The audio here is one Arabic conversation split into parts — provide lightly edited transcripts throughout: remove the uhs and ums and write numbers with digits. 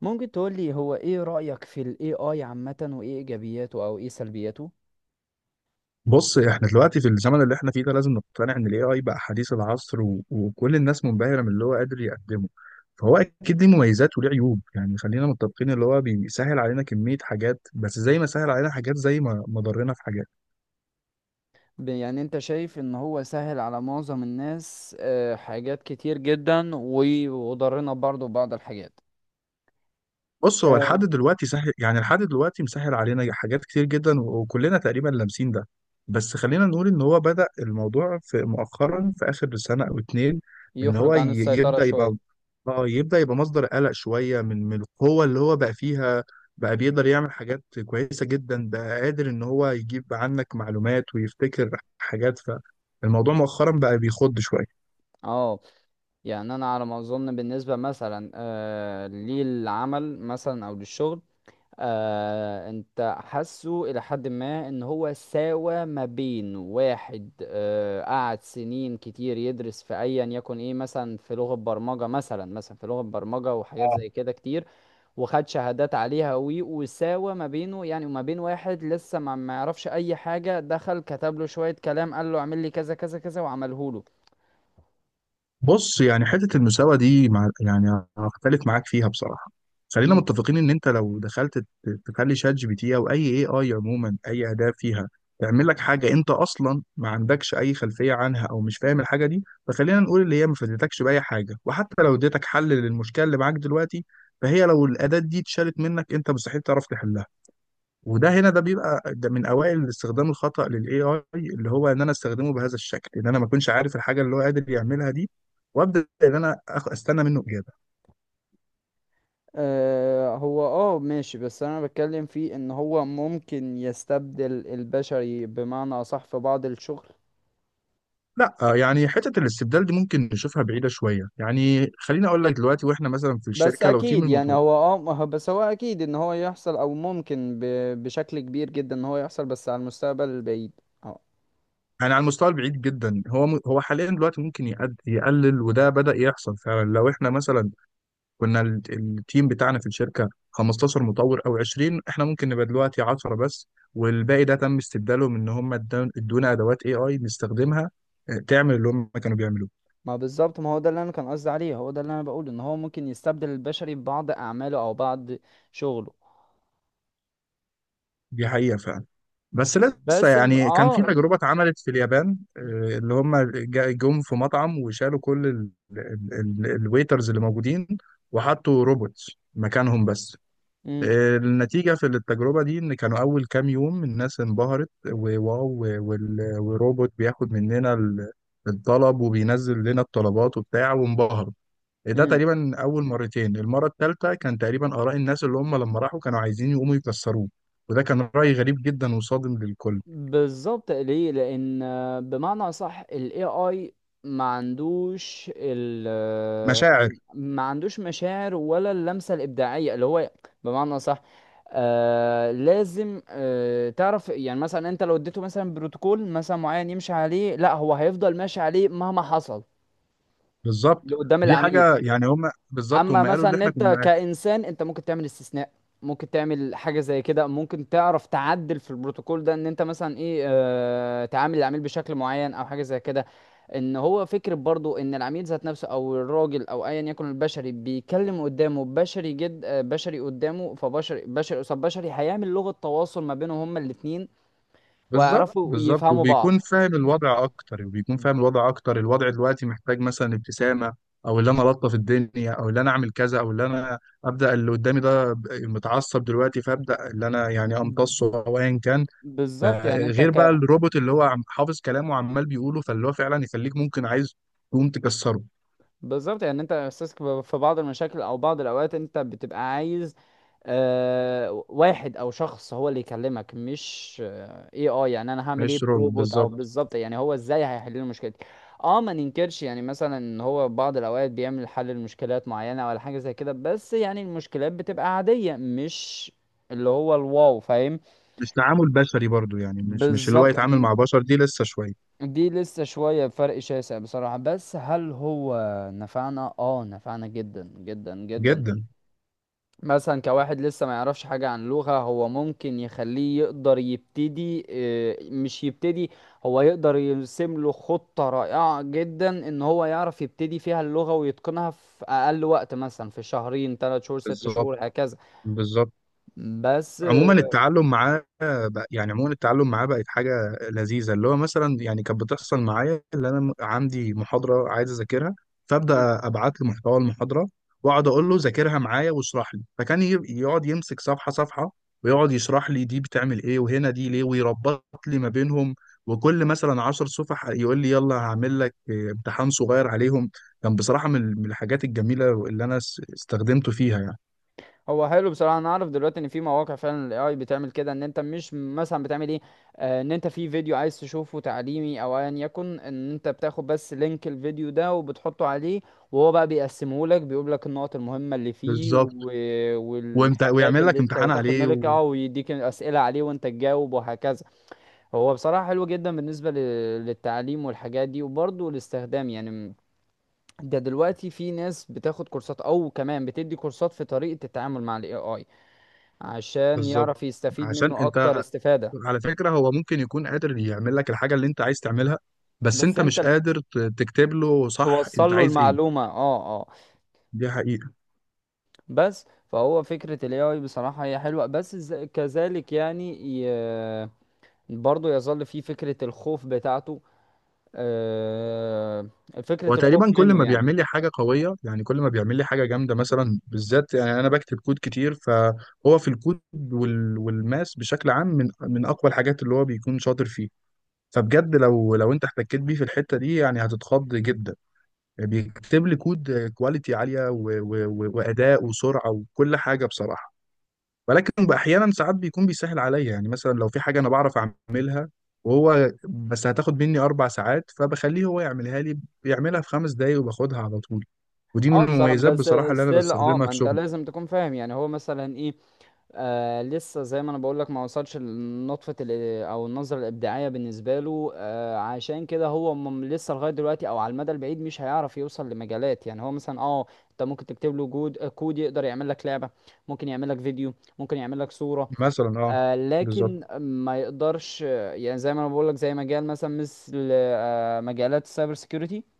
ممكن تقولي هو ايه رأيك في ال AI عامة وايه ايجابياته او ايه سلبياته؟ بص، احنا دلوقتي في الزمن اللي احنا فيه ده لازم نقتنع ان الاي اي بقى حديث العصر و... وكل الناس منبهره من اللي هو قادر يقدمه. فهو اكيد ليه مميزات وليه عيوب، يعني خلينا متفقين اللي هو بيسهل علينا كميه حاجات، بس زي ما سهل علينا حاجات زي ما ضرنا في حاجات. يعني انت شايف ان هو سهل على معظم الناس، آه، حاجات كتير جدا وضرنا برضو بعض الحاجات. بص، هو لحد آه، دلوقتي سهل، يعني لحد دلوقتي مسهل علينا حاجات كتير جدا وكلنا تقريبا لامسين ده. بس خلينا نقول ان هو بدأ الموضوع في مؤخرا في اخر سنة او اتنين. ان هو يخرج عن السيطرة يبدأ شوية. يبقى اه يبدأ يبقى مصدر قلق شوية، من القوة اللي هو بقى فيها. بقى بيقدر يعمل حاجات كويسة جدا، بقى قادر ان هو يجيب عنك معلومات ويفتكر حاجات. فالموضوع مؤخرا بقى بيخض شوية. اه يعني انا على ما اظن بالنسبة مثلا آه، للعمل مثلا او للشغل. آه انت حاسه الى حد ما ان هو ساوى ما بين واحد، آه قعد سنين كتير يدرس في ايا يكن ايه مثلا في لغة برمجة، مثلا في لغة برمجة وحاجات زي كده كتير وخد شهادات عليها وساوى ما بينه يعني، وما بين واحد لسه ما يعرفش اي حاجة، دخل كتب له شوية كلام قال له اعمل لي كذا كذا كذا وعمله بص، يعني حتة المساواة دي، مع يعني هختلف معاك فيها بصراحة. له. خلينا متفقين ان انت لو دخلت تخلي شات جي بي تي او اي اي اي عموما، اي اداة فيها تعمل لك حاجة انت اصلا ما عندكش اي خلفية عنها او مش فاهم الحاجة دي، فخلينا نقول اللي هي ما فادتكش بأي حاجة، وحتى لو اديتك حل للمشكلة اللي معاك دلوقتي، فهي لو الاداة دي اتشالت منك انت مستحيل تعرف تحلها. وده هنا، ده بيبقى ده من اوائل الاستخدام الخطأ للاي اي، اللي هو ان انا استخدمه بهذا الشكل، ان انا ما اكونش عارف الحاجه اللي هو قادر يعملها دي، وابدا ان انا استنى منه اجابه. آه هو اه ماشي، بس انا بتكلم فيه ان هو ممكن يستبدل البشري بمعنى اصح في بعض الشغل. لا، يعني حته الاستبدال دي ممكن نشوفها بعيده شويه. يعني خليني اقول لك دلوقتي، واحنا مثلا في بس الشركه، لو تيم اكيد يعني المطور، هو اه ما هو- بس هو اكيد ان هو يحصل او ممكن بشكل كبير جدا ان هو يحصل، بس على المستقبل البعيد. اه يعني على المستوى البعيد جدا، هو حاليا دلوقتي ممكن يقلل، وده بدا يحصل فعلا. لو احنا مثلا كنا التيم بتاعنا في الشركه 15 مطور او 20، احنا ممكن نبقى دلوقتي 10 بس، والباقي ده تم استبداله من ان هم ادونا ادوات اي اي نستخدمها، تعمل اللي هم كانوا بيعملوه. ما بالظبط، ما هو ده اللي انا كان قصدي عليه، هو ده اللي انا بقوله ان هو ممكن يستبدل البشري ببعض اعماله او بعض شغله. دي حقيقه فعلا. بس لسه، يعني كان في اه. تجربة اتعملت في اليابان، اللي هم جم في مطعم وشالوا كل الويترز اللي موجودين، وحطوا روبوتس مكانهم. بس النتيجة في التجربة دي إن كانوا أول كام يوم الناس انبهرت، وواو، وال- والروبوت بياخد مننا الطلب، وبينزل لنا الطلبات وبتاع وانبهروا. إيه ده؟ امم، تقريبا أول مرتين. المرة الثالثة كان تقريبا آراء الناس اللي هم لما راحوا كانوا عايزين يقوموا يكسروه. وده كان رأي غريب جدا وصادم للكل. بالظبط ليه؟ لان آه، بمعنى صح ال AI ما عندوش ال آه، مشاعر، ما عندوش مشاعر ولا اللمسة الإبداعية اللي هو، بمعنى صح. آه لازم آه تعرف يعني مثلا انت لو اديته مثلا بروتوكول مثلا معين يمشي عليه، لا هو هيفضل ماشي عليه مهما حصل بالظبط. لقدام دي العميل. حاجة يعني هم بالظبط اما هم قالوا مثلا اللي ان احنا انت كنا. كانسان انت ممكن تعمل استثناء، ممكن تعمل حاجه زي كده، ممكن تعرف تعدل في البروتوكول ده ان انت مثلا ايه آه تعامل العميل بشكل معين او حاجه زي كده. ان هو فكره برضو ان العميل ذات نفسه او الراجل او ايا يكن البشري بيكلم قدامه بشري جد آه، بشري قدامه، فبشري بشري قصاد بشري هيعمل لغه تواصل ما بينهم هما الاتنين بالظبط، وهيعرفوا بالظبط. يفهموا وبيكون بعض. فاهم الوضع اكتر وبيكون ب- فاهم الوضع اكتر الوضع دلوقتي محتاج مثلا ابتسامه، او اللي انا الطف الدنيا، او اللي انا اعمل كذا، او اللي انا ابدا اللي قدامي ده متعصب دلوقتي، فابدا اللي انا يعني امتصه او ايا كان. ف- بالظبط يعني انت غير بقى ك... الروبوت اللي هو حافظ كلامه وعمال بيقوله، فاللي هو فعلا يخليك ممكن عايز تقوم تكسره. بالظبط يعني انت احساسك في بعض المشاكل او بعض الاوقات انت بتبقى عايز آه واحد او شخص هو اللي يكلمك، مش آه اي اي، يعني انا هعمل ايه مش روبوت، بروبوت؟ او بالظبط. بالظبط يعني هو ازاي هيحل لي المشكله دي؟ اه ما ننكرش يعني مثلا ان هو بعض الاوقات بيعمل حل لمشكلات معينه ولا حاجه زي كده، بس يعني المشكلات بتبقى عاديه، مش اللي هو الواو، فاهم؟ مش تعامل بشري برضو، يعني مش اللي هو بالظبط. يتعامل مع بشر، دي لسه شويه. دي لسه شوية، فرق شاسع بصراحة. بس هل هو نفعنا؟ اه نفعنا جدا جدا جدا. جدا، مثلا كواحد لسه ما يعرفش حاجة عن لغة، هو ممكن يخليه يقدر يبتدي آه، مش يبتدي هو يقدر يرسم له خطة رائعة جدا ان هو يعرف يبتدي فيها اللغة ويتقنها في اقل وقت، مثلا في شهرين، ثلاث شهور، ست بالظبط، شهور، هكذا. بالظبط. بس آه، عموما التعلم معاه بقت حاجة لذيذة. اللي هو مثلا يعني كانت بتحصل معايا، اللي أنا عندي محاضرة عايز أذاكرها، فأبدأ أبعت له محتوى المحاضرة وأقعد أقول له ذاكرها معايا واشرح لي، فكان يقعد يمسك صفحة صفحة ويقعد يشرح لي دي بتعمل إيه، وهنا دي ليه، ويربط لي ما بينهم، وكل مثلا عشر صفح يقول لي يلا هعمل لك امتحان صغير عليهم. كان بصراحة من الحاجات الجميلة اللي أنا استخدمته فيها يعني. هو حلو بصراحه. انا اعرف دلوقتي ان في مواقع فعلا الاي اي بتعمل كده، ان انت مش مثلا بتعمل ايه آه، ان انت في فيديو عايز تشوفه تعليمي او ايا يكن، ان انت بتاخد بس لينك الفيديو ده وبتحطه عليه، وهو بقى بيقسمه لك، بيقول لك النقط المهمه اللي فيه بالظبط. والحاجات ويعمل لك اللي انت امتحان وتاخد عليه. بالك، اه، ويديك اسئله عليه وانت تجاوب، وهكذا. هو بصراحه حلو جدا بالنسبه للتعليم والحاجات دي. وبرضه الاستخدام يعني، ده دلوقتي في ناس بتاخد كورسات او كمان بتدي كورسات في طريقه التعامل مع الاي اي، عشان بالظبط. يعرف يستفيد عشان منه اكتر انت، استفادة. على فكرة، هو ممكن يكون قادر يعمل لك الحاجة اللي انت عايز تعملها، بس بس انت انت مش قادر تكتب له صح توصل انت له عايز ايه. المعلومة، اه اه. دي حقيقة. بس. فهو فكرة ال AI بصراحة هي حلوة، بس كذلك يعني، ي... برضه يظل فيه فكرة الخوف بتاعته، آه، فكرة هو الخوف تقريبا كل منه ما يعني. بيعمل لي حاجة قوية، يعني كل ما بيعمل لي حاجة جامدة، مثلا بالذات يعني انا بكتب كود كتير، فهو في الكود وال... والماس بشكل عام من اقوى الحاجات اللي هو بيكون شاطر فيه. فبجد، لو انت احتكيت بيه في الحتة دي يعني هتتخض جدا. يعني بيكتب لي كود كواليتي عالية و... و... و... وأداء وسرعة وكل حاجة بصراحة. ولكن احيانا ساعات بيكون بيسهل عليا، يعني مثلا لو في حاجه انا بعرف اعملها وهو بس هتاخد مني 4 ساعات، فبخليه هو يعملها لي، بيعملها في 5 دقايق وباخدها على طول. ودي اه من بصراحة، المميزات بس بصراحه اللي انا ستيل اه بستخدمها ما في انت شغلي. لازم تكون فاهم، يعني هو مثلا ايه آه، لسه زي ما انا بقولك، ما وصلش لنطفة او النظرة الابداعية بالنسبة له. آه عشان كده هو لسه لغاية دلوقتي او على المدى البعيد مش هيعرف يوصل لمجالات، يعني هو مثلا اه انت ممكن تكتب له آه، كود يقدر يعمل لك لعبة، ممكن يعمل لك فيديو، ممكن يعمل لك صورة. مثلا، آه بالظبط. لكن ما يقدرش آه، يعني زي ما انا بقولك، زي مجال مثلا مثل آه مجالات السايبر سيكيورتي،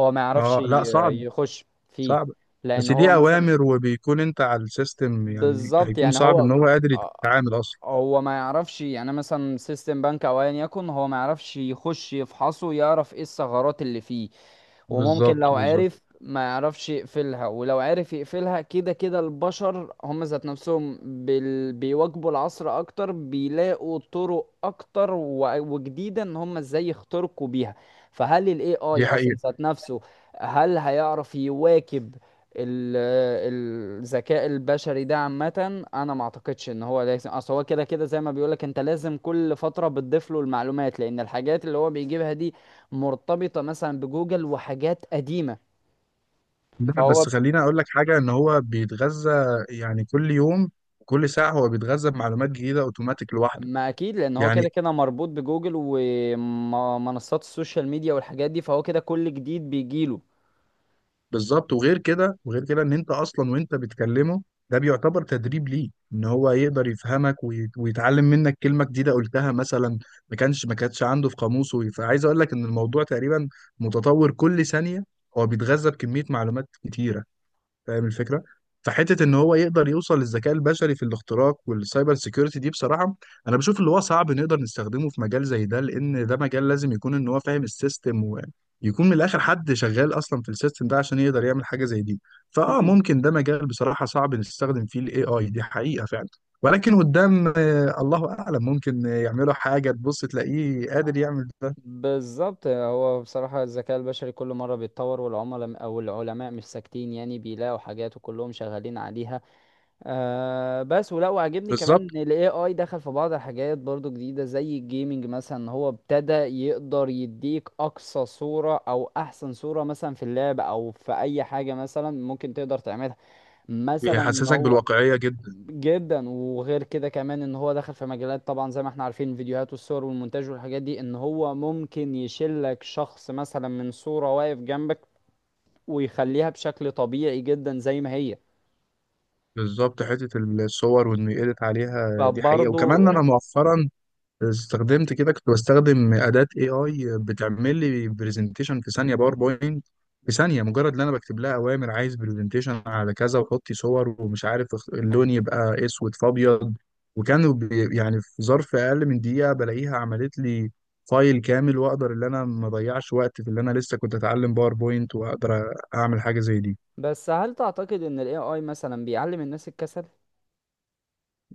هو ما يعرفش اه لا، صعب، يخش فيه. صعب. لان بس هو دي مثلا اوامر وبيكون انت على السيستم، يعني بالظبط هيكون يعني صعب هو ان هو قادر آه، يتعامل اصلا. هو ما يعرفش يعني مثلا سيستم بنك او ايا يكن، هو ما يعرفش يخش يفحصه يعرف ايه الثغرات اللي فيه. وممكن بالظبط، لو بالظبط. عرف ما يعرفش يقفلها، ولو عرف يقفلها كده كده البشر هم ذات نفسهم بيواجهوا العصر اكتر، بيلاقوا طرق اكتر وجديدة ان هم ازاي يخترقوا بيها. فهل الاي اي دي اصلا حقيقه. ذات نفسه هل هيعرف يواكب ال- الذكاء البشري ده عامة؟ انا ما اعتقدش ان هو لازم، اصل هو كده كده زي ما بيقولك انت لازم كل فترة بتضيف له المعلومات، لان الحاجات اللي هو بيجيبها دي مرتبطة مثلا بجوجل وحاجات قديمة، لا، فهو بس خليني اقول لك حاجه، ان هو بيتغذى يعني كل يوم، كل ساعه هو بيتغذى بمعلومات جديده اوتوماتيك لوحده ما اكيد لان هو يعني. كده كده مربوط بجوجل ومنصات السوشيال ميديا والحاجات دي، فهو كده كل جديد بيجيله. بالظبط. وغير كده وغير كده، ان انت اصلا وانت بتكلمه، ده بيعتبر تدريب ليه، ان هو يقدر يفهمك ويتعلم منك كلمه جديده قلتها مثلا ما كانتش عنده في قاموسه. فعايز اقول لك ان الموضوع تقريبا متطور كل ثانيه، هو بيتغذى بكميه معلومات كتيره، فاهم الفكره. فحته ان هو يقدر يوصل للذكاء البشري في الاختراق والسايبر سيكيورتي دي، بصراحه انا بشوف اللي هو صعب نقدر نستخدمه في مجال زي ده، لان ده مجال لازم يكون ان هو فاهم السيستم، ويكون من الاخر حد شغال اصلا في السيستم ده عشان يقدر يعمل حاجه زي دي. مم. ممكن ده مجال بصراحه صعب نستخدم فيه الاي اي، دي حقيقه فعلا. ولكن قدام، الله اعلم ممكن يعملوا حاجه تبص تلاقيه قادر يعمل ده. بالظبط. هو بصراحة الذكاء البشري كل مرة بيتطور، والعملاء أو العلماء مش ساكتين، يعني بيلاقوا حاجات وكلهم شغالين عليها. آه بس ولا وعجبني كمان بالظبط. ان الاي اي دخل في بعض الحاجات برضو جديده زي الجيمنج مثلا، هو ابتدى يقدر يديك اقصى صوره او احسن صوره مثلا في اللعبه او في اي حاجه مثلا ممكن تقدر تعملها، مثلا ان بيحسسك هو بالواقعيه جدا. جدا. وغير كده كمان ان هو دخل في مجالات طبعا زي ما احنا عارفين، الفيديوهات والصور والمونتاج والحاجات دي، ان هو ممكن يشيلك شخص مثلا من صوره واقف جنبك، ويخليها بشكل طبيعي جدا زي ما هي. بالظبط. حتة الصور وإنه يedit عليها دي حقيقة. فبرضو، وكمان أنا مؤخرا استخدمت كده، كنت بستخدم أداة AI بتعمل لي برزنتيشن في ثانية، باوربوينت في ثانية، مجرد إن أنا بكتب لها أوامر عايز برزنتيشن على كذا وحطي صور، ومش عارف اللون يبقى أسود في أبيض، وكانوا يعني في ظرف أقل من دقيقة بلاقيها عملت لي فايل كامل، وأقدر إن أنا ما أضيعش وقت في اللي أنا لسه كنت أتعلم باوربوينت وأقدر أعمل حاجة زي دي. بس هل تعتقد ان ال AI مثلا بيعلم الناس الكسل؟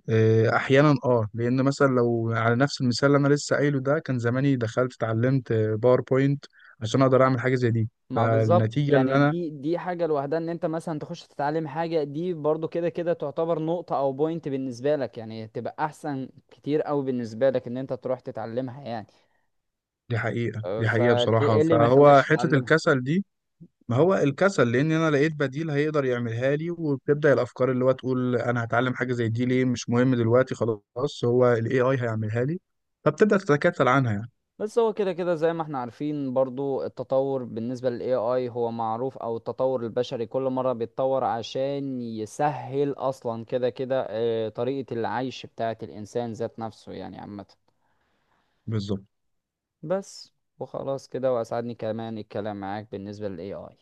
إيه، احيانا، اه. لان مثلا لو على نفس المثال اللي انا لسه قايله ده، كان زماني دخلت اتعلمت باوربوينت عشان اقدر اعمل حاجه زي دي. ما بالظبط، فالنتيجه اللي يعني انا دي حاجة لوحدها، ان انت مثلا تخش تتعلم حاجة دي برضو كده كده تعتبر نقطة او بوينت بالنسبة لك، يعني تبقى احسن كتير اوي بالنسبة لك ان انت تروح تتعلمها يعني. دي حقيقه، أه، دي حقيقه فليه بصراحه. ايه اللي ما فهو يخليكش حته تتعلمها؟ الكسل دي، ما هو الكسل لان انا لقيت بديل هيقدر يعملها لي، وبتبدا الافكار اللي هو تقول انا هتعلم حاجه زي دي ليه، مش مهم دلوقتي، خلاص هو الاي اي هيعملها لي، فبتبدا تتكتل عنها يعني. بس هو كده كده زي ما احنا عارفين برضو التطور بالنسبة لل AI هو معروف، او التطور البشري كل مرة بيتطور عشان يسهل اصلا كده كده آه، طريقة العيش بتاعة الانسان ذات نفسه يعني عامة. بالظبط. بس، وخلاص كده، واسعدني كمان الكلام معاك بالنسبة لل AI.